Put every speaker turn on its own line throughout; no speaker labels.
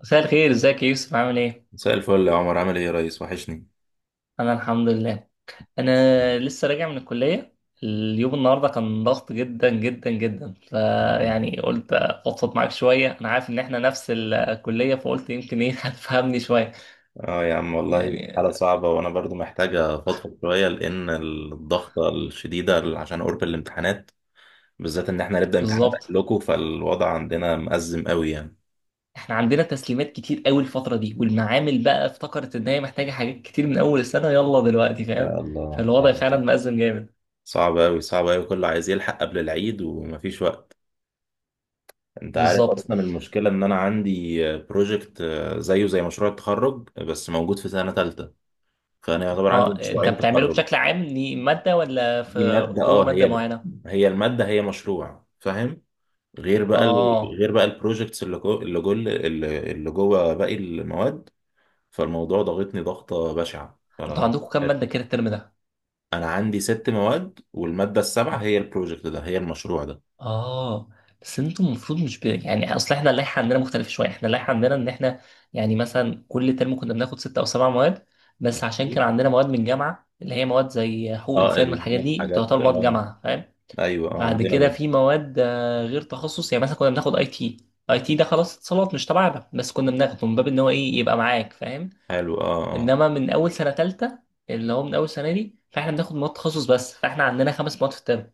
مساء الخير، ازيك يا يوسف؟ عامل ايه؟
مساء الفل يا عمر، عامل ايه يا ريس؟ وحشني.
انا الحمد لله. انا لسه راجع من الكلية. اليوم النهاردة كان ضغط جدا جدا جدا، فيعني قلت افضفض معاك شوية. انا عارف ان احنا نفس الكلية، فقلت يمكن ايه هتفهمني شوية.
اه يا عم والله،
يعني
حالة صعبة وانا برضو محتاجة افضفض شوية لان الضغطة الشديدة عشان قرب الامتحانات، بالذات ان احنا هنبدأ امتحانات
بالظبط،
قبلكم، فالوضع عندنا مأزم قوي يعني.
احنا عندنا تسليمات كتير قوي الفترة دي، والمعامل بقى افتكرت ان هي محتاجة حاجات كتير من اول السنة يلا دلوقتي، فاهم.
يا الله،
فالوضع فعلا مأزم جامد.
صعب قوي صعب قوي، كله عايز يلحق قبل العيد ومفيش وقت. انت عارف
بالظبط.
اصلا المشكلة ان انا عندي بروجكت زيه زي مشروع التخرج بس موجود في سنة تالتة، فانا يعتبر عندي
اه، انت
مشروعين
بتعمله
تخرج.
بشكل عام إن مادة ولا في
دي مادة،
جوه
اه،
مادة
هي
معينة؟
هي المادة، هي مشروع فاهم؟ غير بقى
اه،
غير بقى البروجكتس اللي جوه اللي جوه باقي المواد. فالموضوع ضغطني ضغطة بشعة،
انتوا
فانا
عندكم كام مادة كده الترم ده؟
انا عندي ست مواد، والمادة السابعة هي البروجكت ده، هي المشروع ده.
اه. بس انتوا المفروض مش يعني اصل احنا اللائحة عندنا مختلفة شوية، احنا اللائحة عندنا ان احنا يعني مثلا كل ترم كنا بناخد ست او سبع مواد، بس عشان كان عندنا مواد من جامعة، اللي هي مواد زي حقوق
اه
انسان، من
اللي هي
الحاجات دي
الحاجات،
تعتبر مواد
اه
جامعة، فاهم؟
ايوه اه
بعد
عندنا
كده
برضه.
في مواد غير تخصص، يعني مثلا كنا بناخد اي تي، اي تي ده خلاص اتصالات مش تبعنا، بس كنا بناخده من باب ان هو ايه يبقى معاك، فاهم؟
حلو، اه اه.
انما من اول سنة تالتة، اللي هو من اول سنة دي، فاحنا بناخد مواد تخصص بس، فاحنا عندنا خمس مواد في الترم.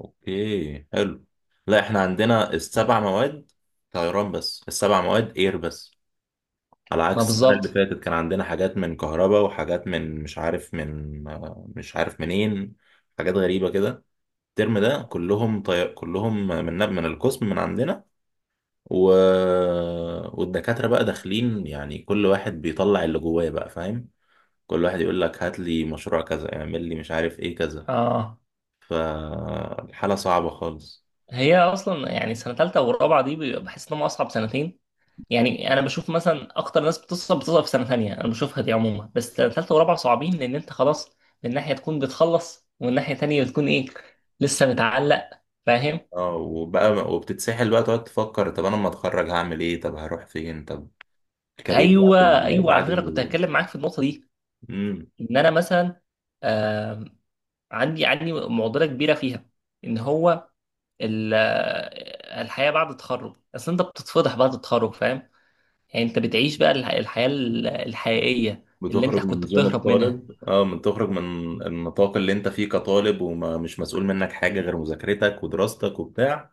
اوكي حلو. لا احنا عندنا السبع مواد طيران، بس السبع مواد اير بس، على
ما
عكس السنة اللي
بالظبط.
فاتت كان عندنا حاجات من كهرباء وحاجات من مش عارف من مش عارف منين، حاجات غريبة كده. الترم ده كلهم من القسم من عندنا و... والدكاترة بقى داخلين يعني، كل واحد بيطلع اللي جواه بقى فاهم؟ كل واحد يقول لك هات لي مشروع كذا، اعمل لي مش عارف ايه كذا.
اه،
فالحالة صعبة خالص.
هي اصلا يعني سنه ثالثه ورابعه دي بحس انهم اصعب سنتين. يعني انا بشوف مثلا اكتر ناس بتصعب في سنه ثانيه انا بشوفها دي عموما، بس سنه ثالثه ورابعه صعبين، لان انت خلاص من ناحيه تكون بتخلص، ومن ناحيه ثانيه بتكون ايه، لسه متعلق، فاهم.
اه وبقى وبتتسحل بقى تقعد تفكر، طب انا لما اتخرج هعمل ايه؟ طب هروح فين؟ طب الكارير بعد
ايوه ايوه، على فكره كنت هتكلم معاك في النقطه دي،
مم.
ان انا مثلا آه عندي معضله كبيره فيها. ان هو الحياه بعد التخرج، اصل انت بتتفضح بعد التخرج، فاهم. يعني انت بتعيش بقى الحياة الحقيقية، اللي انت
بتخرج من
كنت
زوم
بتهرب منها.
الطالب، اه من تخرج من النطاق اللي انت فيه كطالب ومش مسؤول منك حاجة غير مذاكرتك ودراستك وبتاع،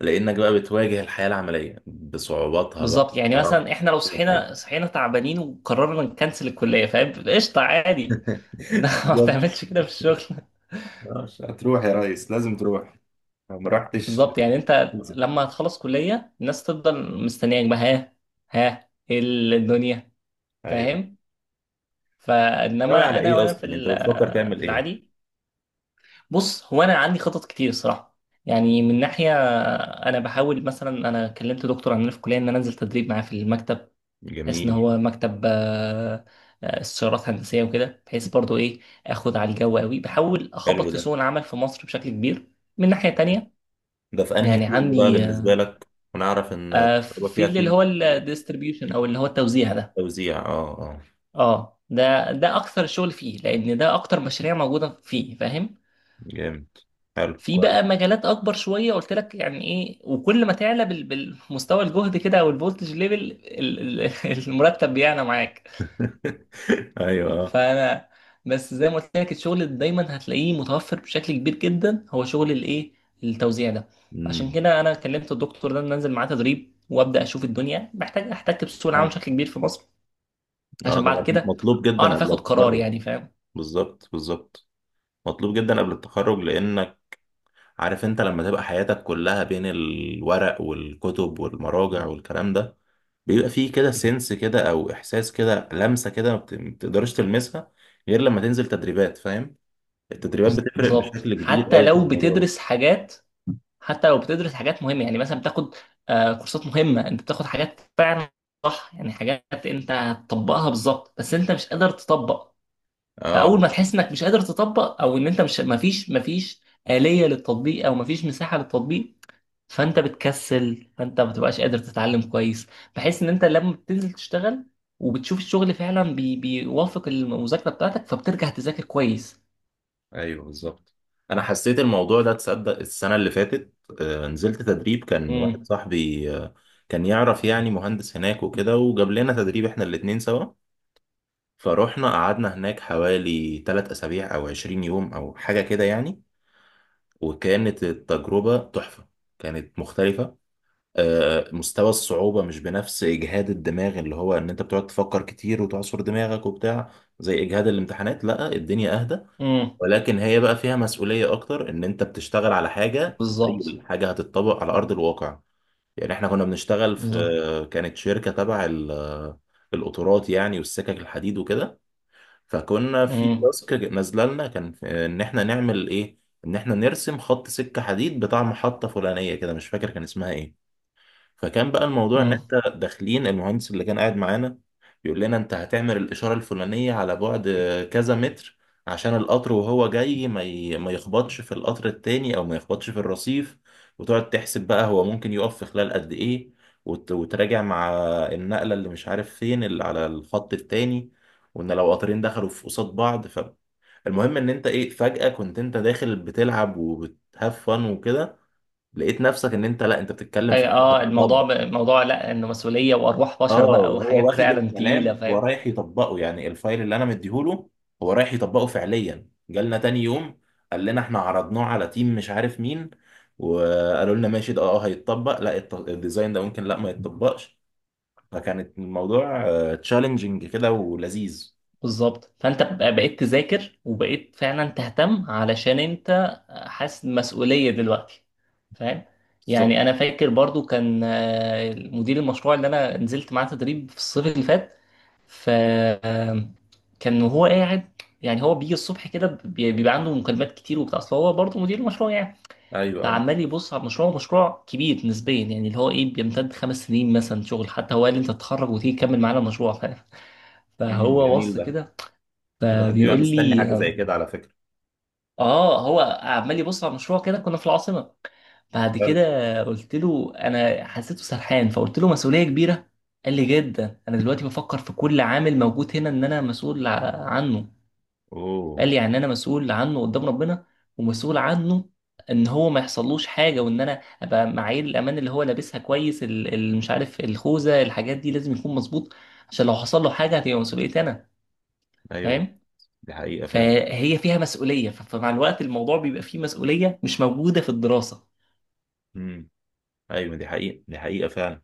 لانك بقى بتواجه الحياة العملية بصعوباتها بقى
بالظبط، يعني
بحرام.
مثلا احنا لو
كل حاجة.
صحينا تعبانين وقررنا نكنسل الكلية، فاهم، قشطة عادي انما ما
بالظبط.
تعملش كده في الشغل.
آه، هتروح يا ريس، لازم تروح لو ما رحتش
بالظبط، يعني انت
تنزل.
لما هتخلص كلية الناس تفضل مستنياك بقى، ها، ها، ايه الدنيا،
ايوه.
فاهم.
ناوي
فانما
على
انا
ايه
وانا في
اصلا؟ انت بتفكر تعمل
في
ايه؟
العادي. بص، هو انا عندي خطط كتير الصراحة. يعني من ناحية انا بحاول، مثلا انا كلمت دكتور عندنا في الكليه ان انا انزل تدريب معاه في المكتب، بحيث ان
جميل.
هو مكتب استشارات هندسيه وكده، بحيث برضو ايه، اخد على الجو قوي، بحاول
حلو
اخبط في
ده.
سوق العمل في مصر بشكل كبير. من ناحيه تانية
ده في انهي
يعني
فيلد بقى
عندي
بالنسبة لك، ونعرف ان الكهرباء
في
فيها
اللي
فيلد
هو الديستريبيوشن او اللي هو التوزيع ده.
توزيع، اه اه.
اه، ده ده اكثر شغل فيه، لان ده اكتر مشاريع موجوده فيه، فاهم.
جامد، حلو
في بقى
كويس.
مجالات اكبر شويه قلت لك يعني ايه، وكل ما تعلى بالمستوى الجهد كده او الفولتج ليفل المرتب بيعلى معاك.
ايوه اه.
فانا بس زي ما قلت لك، الشغل اللي دايما هتلاقيه متوفر بشكل كبير جدا هو شغل الايه، التوزيع ده. عشان
امم.
كده انا كلمت الدكتور ده إن ننزل معاه تدريب وابدا اشوف الدنيا، محتاج احتك بسوق العمل بشكل كبير في مصر،
اه
عشان بعد
ده
كده
مطلوب جدا
اعرف
قبل
اخد قرار،
التخرج.
يعني فاهم.
بالظبط بالظبط. مطلوب جدا قبل التخرج لانك عارف، انت لما تبقى حياتك كلها بين الورق والكتب والمراجع والكلام ده، بيبقى فيه كده سنس كده، او احساس كده، لمسة كده ما بتقدرش تلمسها غير لما تنزل تدريبات فاهم؟ التدريبات بتفرق
بالظبط
بشكل كبير
حتى
قوي في
لو
الموضوع ده.
بتدرس حاجات، حتى لو بتدرس حاجات مهمه، يعني مثلا بتاخد كورسات مهمه، انت بتاخد حاجات فعلا صح، يعني حاجات انت هتطبقها بالظبط، بس انت مش قادر تطبق.
اه
فاول ما تحس انك مش قادر تطبق، او ان انت مش مفيش آلية للتطبيق، او مفيش مساحة للتطبيق، فانت بتكسل، فانت ما بتبقاش قادر تتعلم كويس، بحيث ان انت لما بتنزل تشتغل وبتشوف الشغل فعلا بيوافق المذاكرة بتاعتك، فبترجع تذاكر كويس.
ايوه بالظبط. انا حسيت الموضوع ده تصدق السنه اللي فاتت، نزلت تدريب، كان واحد
امم.
صاحبي كان يعرف يعني مهندس هناك وكده، وجاب لنا تدريب احنا الاتنين سوا. فروحنا قعدنا هناك حوالي 3 اسابيع او 20 يوم او حاجه كده يعني. وكانت التجربه تحفه، كانت مختلفه. مستوى الصعوبة مش بنفس إجهاد الدماغ اللي هو إن أنت بتقعد تفكر كتير وتعصر دماغك وبتاع، زي إجهاد الامتحانات، لا الدنيا أهدى.
امم.
ولكن هي بقى فيها مسؤولية أكتر، إن أنت بتشتغل على حاجة
بالظبط.
ريل، حاجة هتتطبق على أرض الواقع. يعني إحنا كنا بنشتغل
بالظبط.
في، كانت شركة تبع القطارات يعني والسكك الحديد وكده. فكنا في
امم.
تاسك نازلة لنا، إن إحنا نعمل إيه، إن إحنا نرسم خط سكة حديد بتاع محطة فلانية كده، مش فاكر كان اسمها إيه. فكان بقى الموضوع ان
امم.
انت داخلين المهندس اللي كان قاعد معانا يقول لنا انت هتعمل الاشاره الفلانيه على بعد كذا متر، عشان القطر وهو جاي ما يخبطش في القطر التاني او ما يخبطش في الرصيف. وتقعد تحسب بقى هو ممكن يقف في خلال قد ايه، وتراجع مع النقله اللي مش عارف فين اللي على الخط التاني، وان لو قطرين دخلوا في قصاد بعض. فالمهم ان انت ايه، فجاه كنت انت داخل بتلعب وبتهاف فن وكده، لقيت نفسك ان انت لا انت بتتكلم في
اه، الموضوع
حاجه.
الموضوع لا، انه مسؤولية وارواح
اه
بشر بقى،
وهو
وحاجات
واخد
فعلا تقيلة،
الكلام
فاهم.
ورايح يطبقه يعني الفايل اللي انا مديهوله، هو رايح يطبقه فعليا. جالنا تاني يوم قال لنا احنا عرضناه على تيم مش عارف مين، وقالوا لنا ماشي ده اه هيتطبق، لا الديزاين ده ممكن لا ما يتطبقش. فكانت الموضوع تشالنجينج كده ولذيذ.
بالظبط، فانت بقيت تذاكر وبقيت فعلا تهتم، علشان انت حاسس بمسؤولية دلوقتي، فاهم.
بالظبط
يعني انا فاكر برضو، كان مدير المشروع اللي انا نزلت معاه تدريب في الصيف اللي فات، ف آه، كان وهو قاعد، يعني هو بيجي الصبح كده بيبقى عنده مكالمات كتير وبتاع، اصل هو برضه مدير مشروع يعني.
ايوه اه.
فعمال يبص على المشروع، مشروع كبير نسبيا يعني، اللي هو ايه، بيمتد خمس سنين مثلا شغل، حتى هو قال لي انت تتخرج وتيجي تكمل معانا المشروع، فاهم.
أمم،
فهو
جميل
بص
ده.
كده
الواحد بيبقى
فبيقول
مستني
لي.
حاجه زي كده على فكره.
اه، هو عمال يبص على مشروع كده، كنا في العاصمه. بعد كده
فعلا.
قلت له، انا حسيته سرحان، فقلت له مسؤوليه كبيره. قال لي جدا، انا دلوقتي بفكر في كل عامل موجود هنا ان انا مسؤول عنه.
اوه.
قال لي يعني انا مسؤول عنه قدام ربنا، ومسؤول عنه ان هو ما يحصلوش حاجه، وان انا ابقى معايير الامان اللي هو لابسها كويس، مش عارف الخوذه، الحاجات دي لازم يكون مظبوط، عشان لو حصل له حاجه هتبقى مسؤوليتي انا،
ايوه
فاهم.
دي حقيقه فعلا.
فهي فيها مسؤولية، فمع الوقت الموضوع بيبقى فيه مسؤولية مش موجودة في الدراسة.
امم. ايوه دي حقيقه، دي حقيقه فعلا.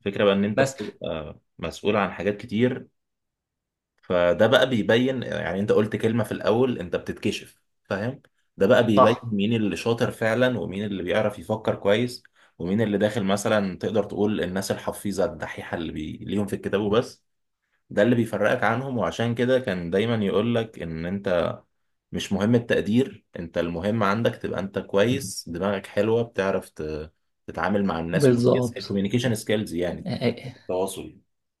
فكرة بقى ان انت
بس
بتبقى مسؤول عن حاجات كتير. فده بقى بيبين، يعني انت قلت كلمة في الاول انت بتتكشف فاهم؟ ده بقى بيبين
صح،
مين اللي شاطر فعلا، ومين اللي بيعرف يفكر كويس، ومين اللي داخل مثلا تقدر تقول الناس الحفيظة الدحيحة اللي ليهم في الكتاب وبس. ده اللي بيفرقك عنهم، وعشان كده كان دايما يقولك ان انت مش مهم التقدير انت، المهم عندك تبقى انت كويس، دماغك حلوة بتعرف تتعامل مع الناس كويس،
بالظبط.
الكوميونيكيشن سكيلز يعني، التواصل.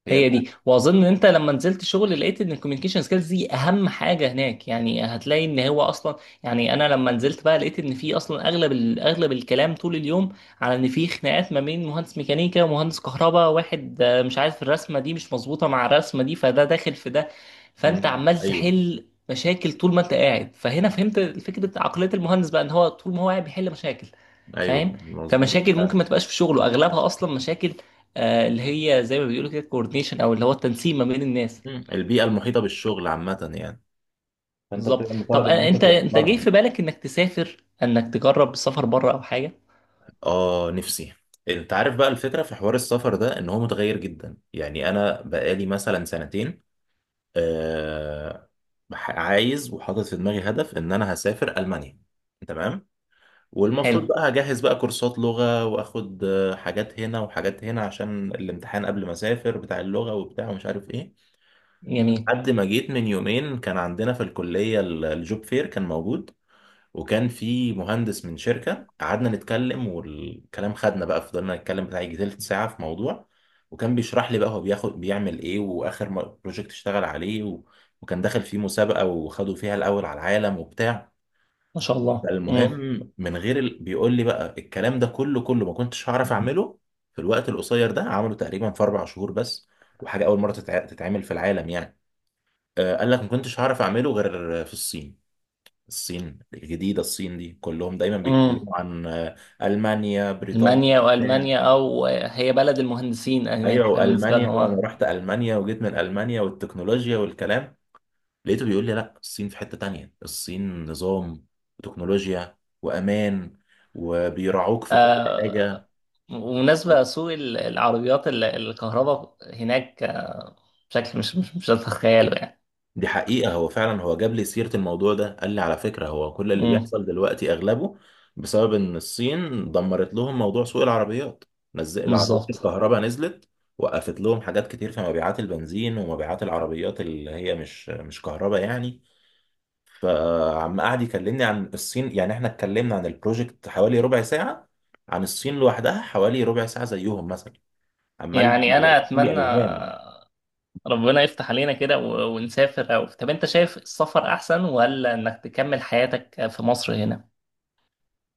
هي.
هي دي، واظن ان انت لما نزلت شغل لقيت ان الكوميونيكيشن سكيلز دي اهم حاجه هناك. يعني هتلاقي ان هو اصلا، يعني انا لما نزلت بقى لقيت ان في اصلا اغلب اغلب الكلام طول اليوم على ان في خناقات ما بين مهندس ميكانيكا ومهندس كهرباء، واحد مش عارف الرسمه دي مش مظبوطه مع الرسمه دي، فده داخل في ده. فانت
مم.
عمال
ايوه
تحل مشاكل طول ما انت قاعد، فهنا فهمت فكره عقليه المهندس بقى، ان هو طول ما هو قاعد بيحل مشاكل،
ايوه
فاهم.
مظبوط
فمشاكل ممكن
فعلا.
ما تبقاش في شغله، اغلبها اصلا مشاكل اللي هي زي ما بيقولوا كده كوردينيشن، او اللي هو التنسيق ما بين الناس.
مم. البيئه المحيطه بالشغل عامه يعني، فانت
بالظبط.
بتبقى
طب
مطالب ان انت
انت جاي
توفرها.
في بالك انك تسافر، انك تجرب السفر بره او حاجه؟
اه نفسي. انت عارف بقى الفكره في حوار السفر ده ان هو متغير جدا، يعني انا بقالي مثلا سنتين آه عايز وحاطط في دماغي هدف ان انا هسافر المانيا، تمام.
حلو.
والمفروض بقى هجهز بقى كورسات لغه، واخد حاجات هنا وحاجات هنا عشان الامتحان قبل ما اسافر بتاع اللغه وبتاع ومش عارف ايه.
جميل.
لحد ما جيت من يومين كان عندنا في الكلية الجوب فير كان موجود، وكان في مهندس من شركة قعدنا نتكلم، والكلام خدنا بقى، فضلنا نتكلم بتاع يجي تلت ساعة في موضوع. وكان بيشرح لي بقى هو بياخد بيعمل ايه، واخر بروجكت اشتغل عليه وكان داخل فيه مسابقة، وخدوا فيها الأول على العالم وبتاع.
ما شاء الله.
فالمهم،
امم.
من غير بيقول لي بقى الكلام ده، كله ما كنتش هعرف أعمله في الوقت القصير ده، عمله تقريبا في أربع شهور بس، وحاجة أول مرة تتعمل في العالم يعني. قال لك ما كنتش هعرف اعمله غير في الصين، الصين الجديدة، الصين دي كلهم دايما
امم.
بيتكلموا عن ألمانيا بريطانيا
المانيا،
بتاع.
والمانيا او هي بلد المهندسين هناك،
ايوه
فاهم، بالنسبه
وألمانيا،
لهم
وانا
اه.
رحت ألمانيا وجيت من ألمانيا والتكنولوجيا والكلام، لقيته بيقول لي لا الصين في حتة تانية، الصين نظام وتكنولوجيا وأمان، وبيراعوك في كل
آه،
حاجة.
ومناسبة سوق العربيات الكهرباء هناك بشكل مش هتتخيله يعني.
دي حقيقة. هو فعلا هو جاب لي سيرة الموضوع ده قال لي على فكرة هو كل اللي
امم.
بيحصل دلوقتي أغلبه بسبب إن الصين دمرت لهم موضوع سوق العربيات، نزل العربيات
بالظبط.
الكهرباء نزلت، وقفت لهم حاجات كتير في مبيعات البنزين ومبيعات العربيات اللي هي مش كهرباء يعني. فعم قعد يكلمني عن الصين يعني، احنا اتكلمنا عن البروجكت حوالي ربع ساعة، عن الصين لوحدها حوالي ربع ساعة زيهم مثلا، عمال
يعني انا
يحكي لي
اتمنى
أوهام.
ربنا يفتح علينا كده ونسافر. أو طب أنت شايف السفر أحسن ولا إنك تكمل حياتك في مصر هنا؟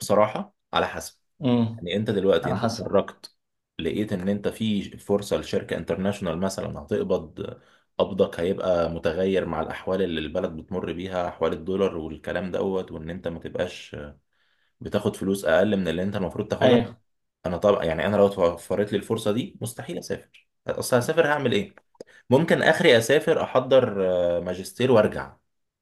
بصراحة على حسب،
امم.
يعني انت دلوقتي
على
انت
حسب.
اتخرجت، لقيت ان انت في فرصه لشركه انترناشونال مثلا هتقبض، قبضك هيبقى متغير مع الاحوال اللي البلد بتمر بيها، احوال الدولار والكلام دوت، وان انت ما تبقاش بتاخد فلوس اقل من اللي انت المفروض تاخدها.
أيوه.
انا طبعا يعني، انا لو اتوفرت لي الفرصه دي مستحيل اسافر، اصل هسافر هعمل ايه؟ ممكن اخري اسافر احضر ماجستير وارجع،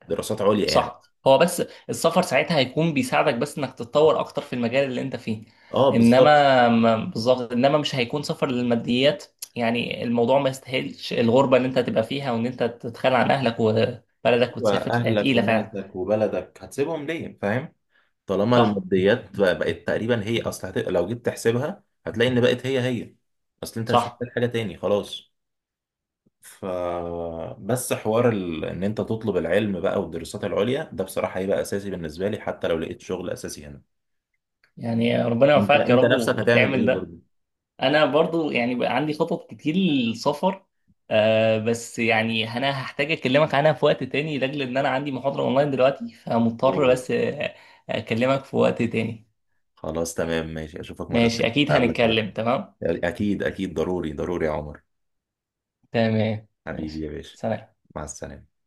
دراسات عليا يعني.
صح. هو بس السفر ساعتها هيكون بيساعدك بس إنك تتطور أكتر في المجال اللي أنت فيه.
اه بالظبط.
إنما بالظبط، إنما مش هيكون سفر للماديات. يعني الموضوع ما يستاهلش الغربة اللي أنت هتبقى فيها، وإن أنت تتخلى عن أهلك وبلدك وتسافر، هي
واهلك
تقيلة فعلا.
وناسك وبلدك هتسيبهم ليه فاهم؟ طالما
صح.
الماديات بقت تقريبا هي، اصل لو جيت تحسبها هتلاقي ان بقت هي هي، اصل انت مش
صح.
محتاج حاجة تاني خلاص. ف بس حوار ان انت تطلب العلم بقى والدراسات العليا ده بصراحة هيبقى اساسي بالنسبة لي حتى لو لقيت شغل اساسي هنا.
يعني ربنا
انت
يوفقك يا
انت
رب
نفسك هتعمل
وتعمل
ايه
ده.
برضه؟
انا برضو يعني بقى عندي خطط كتير للسفر، آه، بس يعني انا هحتاج اكلمك عنها في وقت تاني، لاجل ان انا عندي محاضرة اونلاين دلوقتي، فمضطر
اوه.
بس اكلمك في وقت تاني.
خلاص تمام ماشي، اشوفك مرة
ماشي
تانية،
اكيد
اقابلك مرة
هنتكلم. تمام.
تانية اكيد اكيد ضروري ضروري يا عمر،
تمام
حبيبي
ماشي
يا باشا.
سلام.
مع السلامة.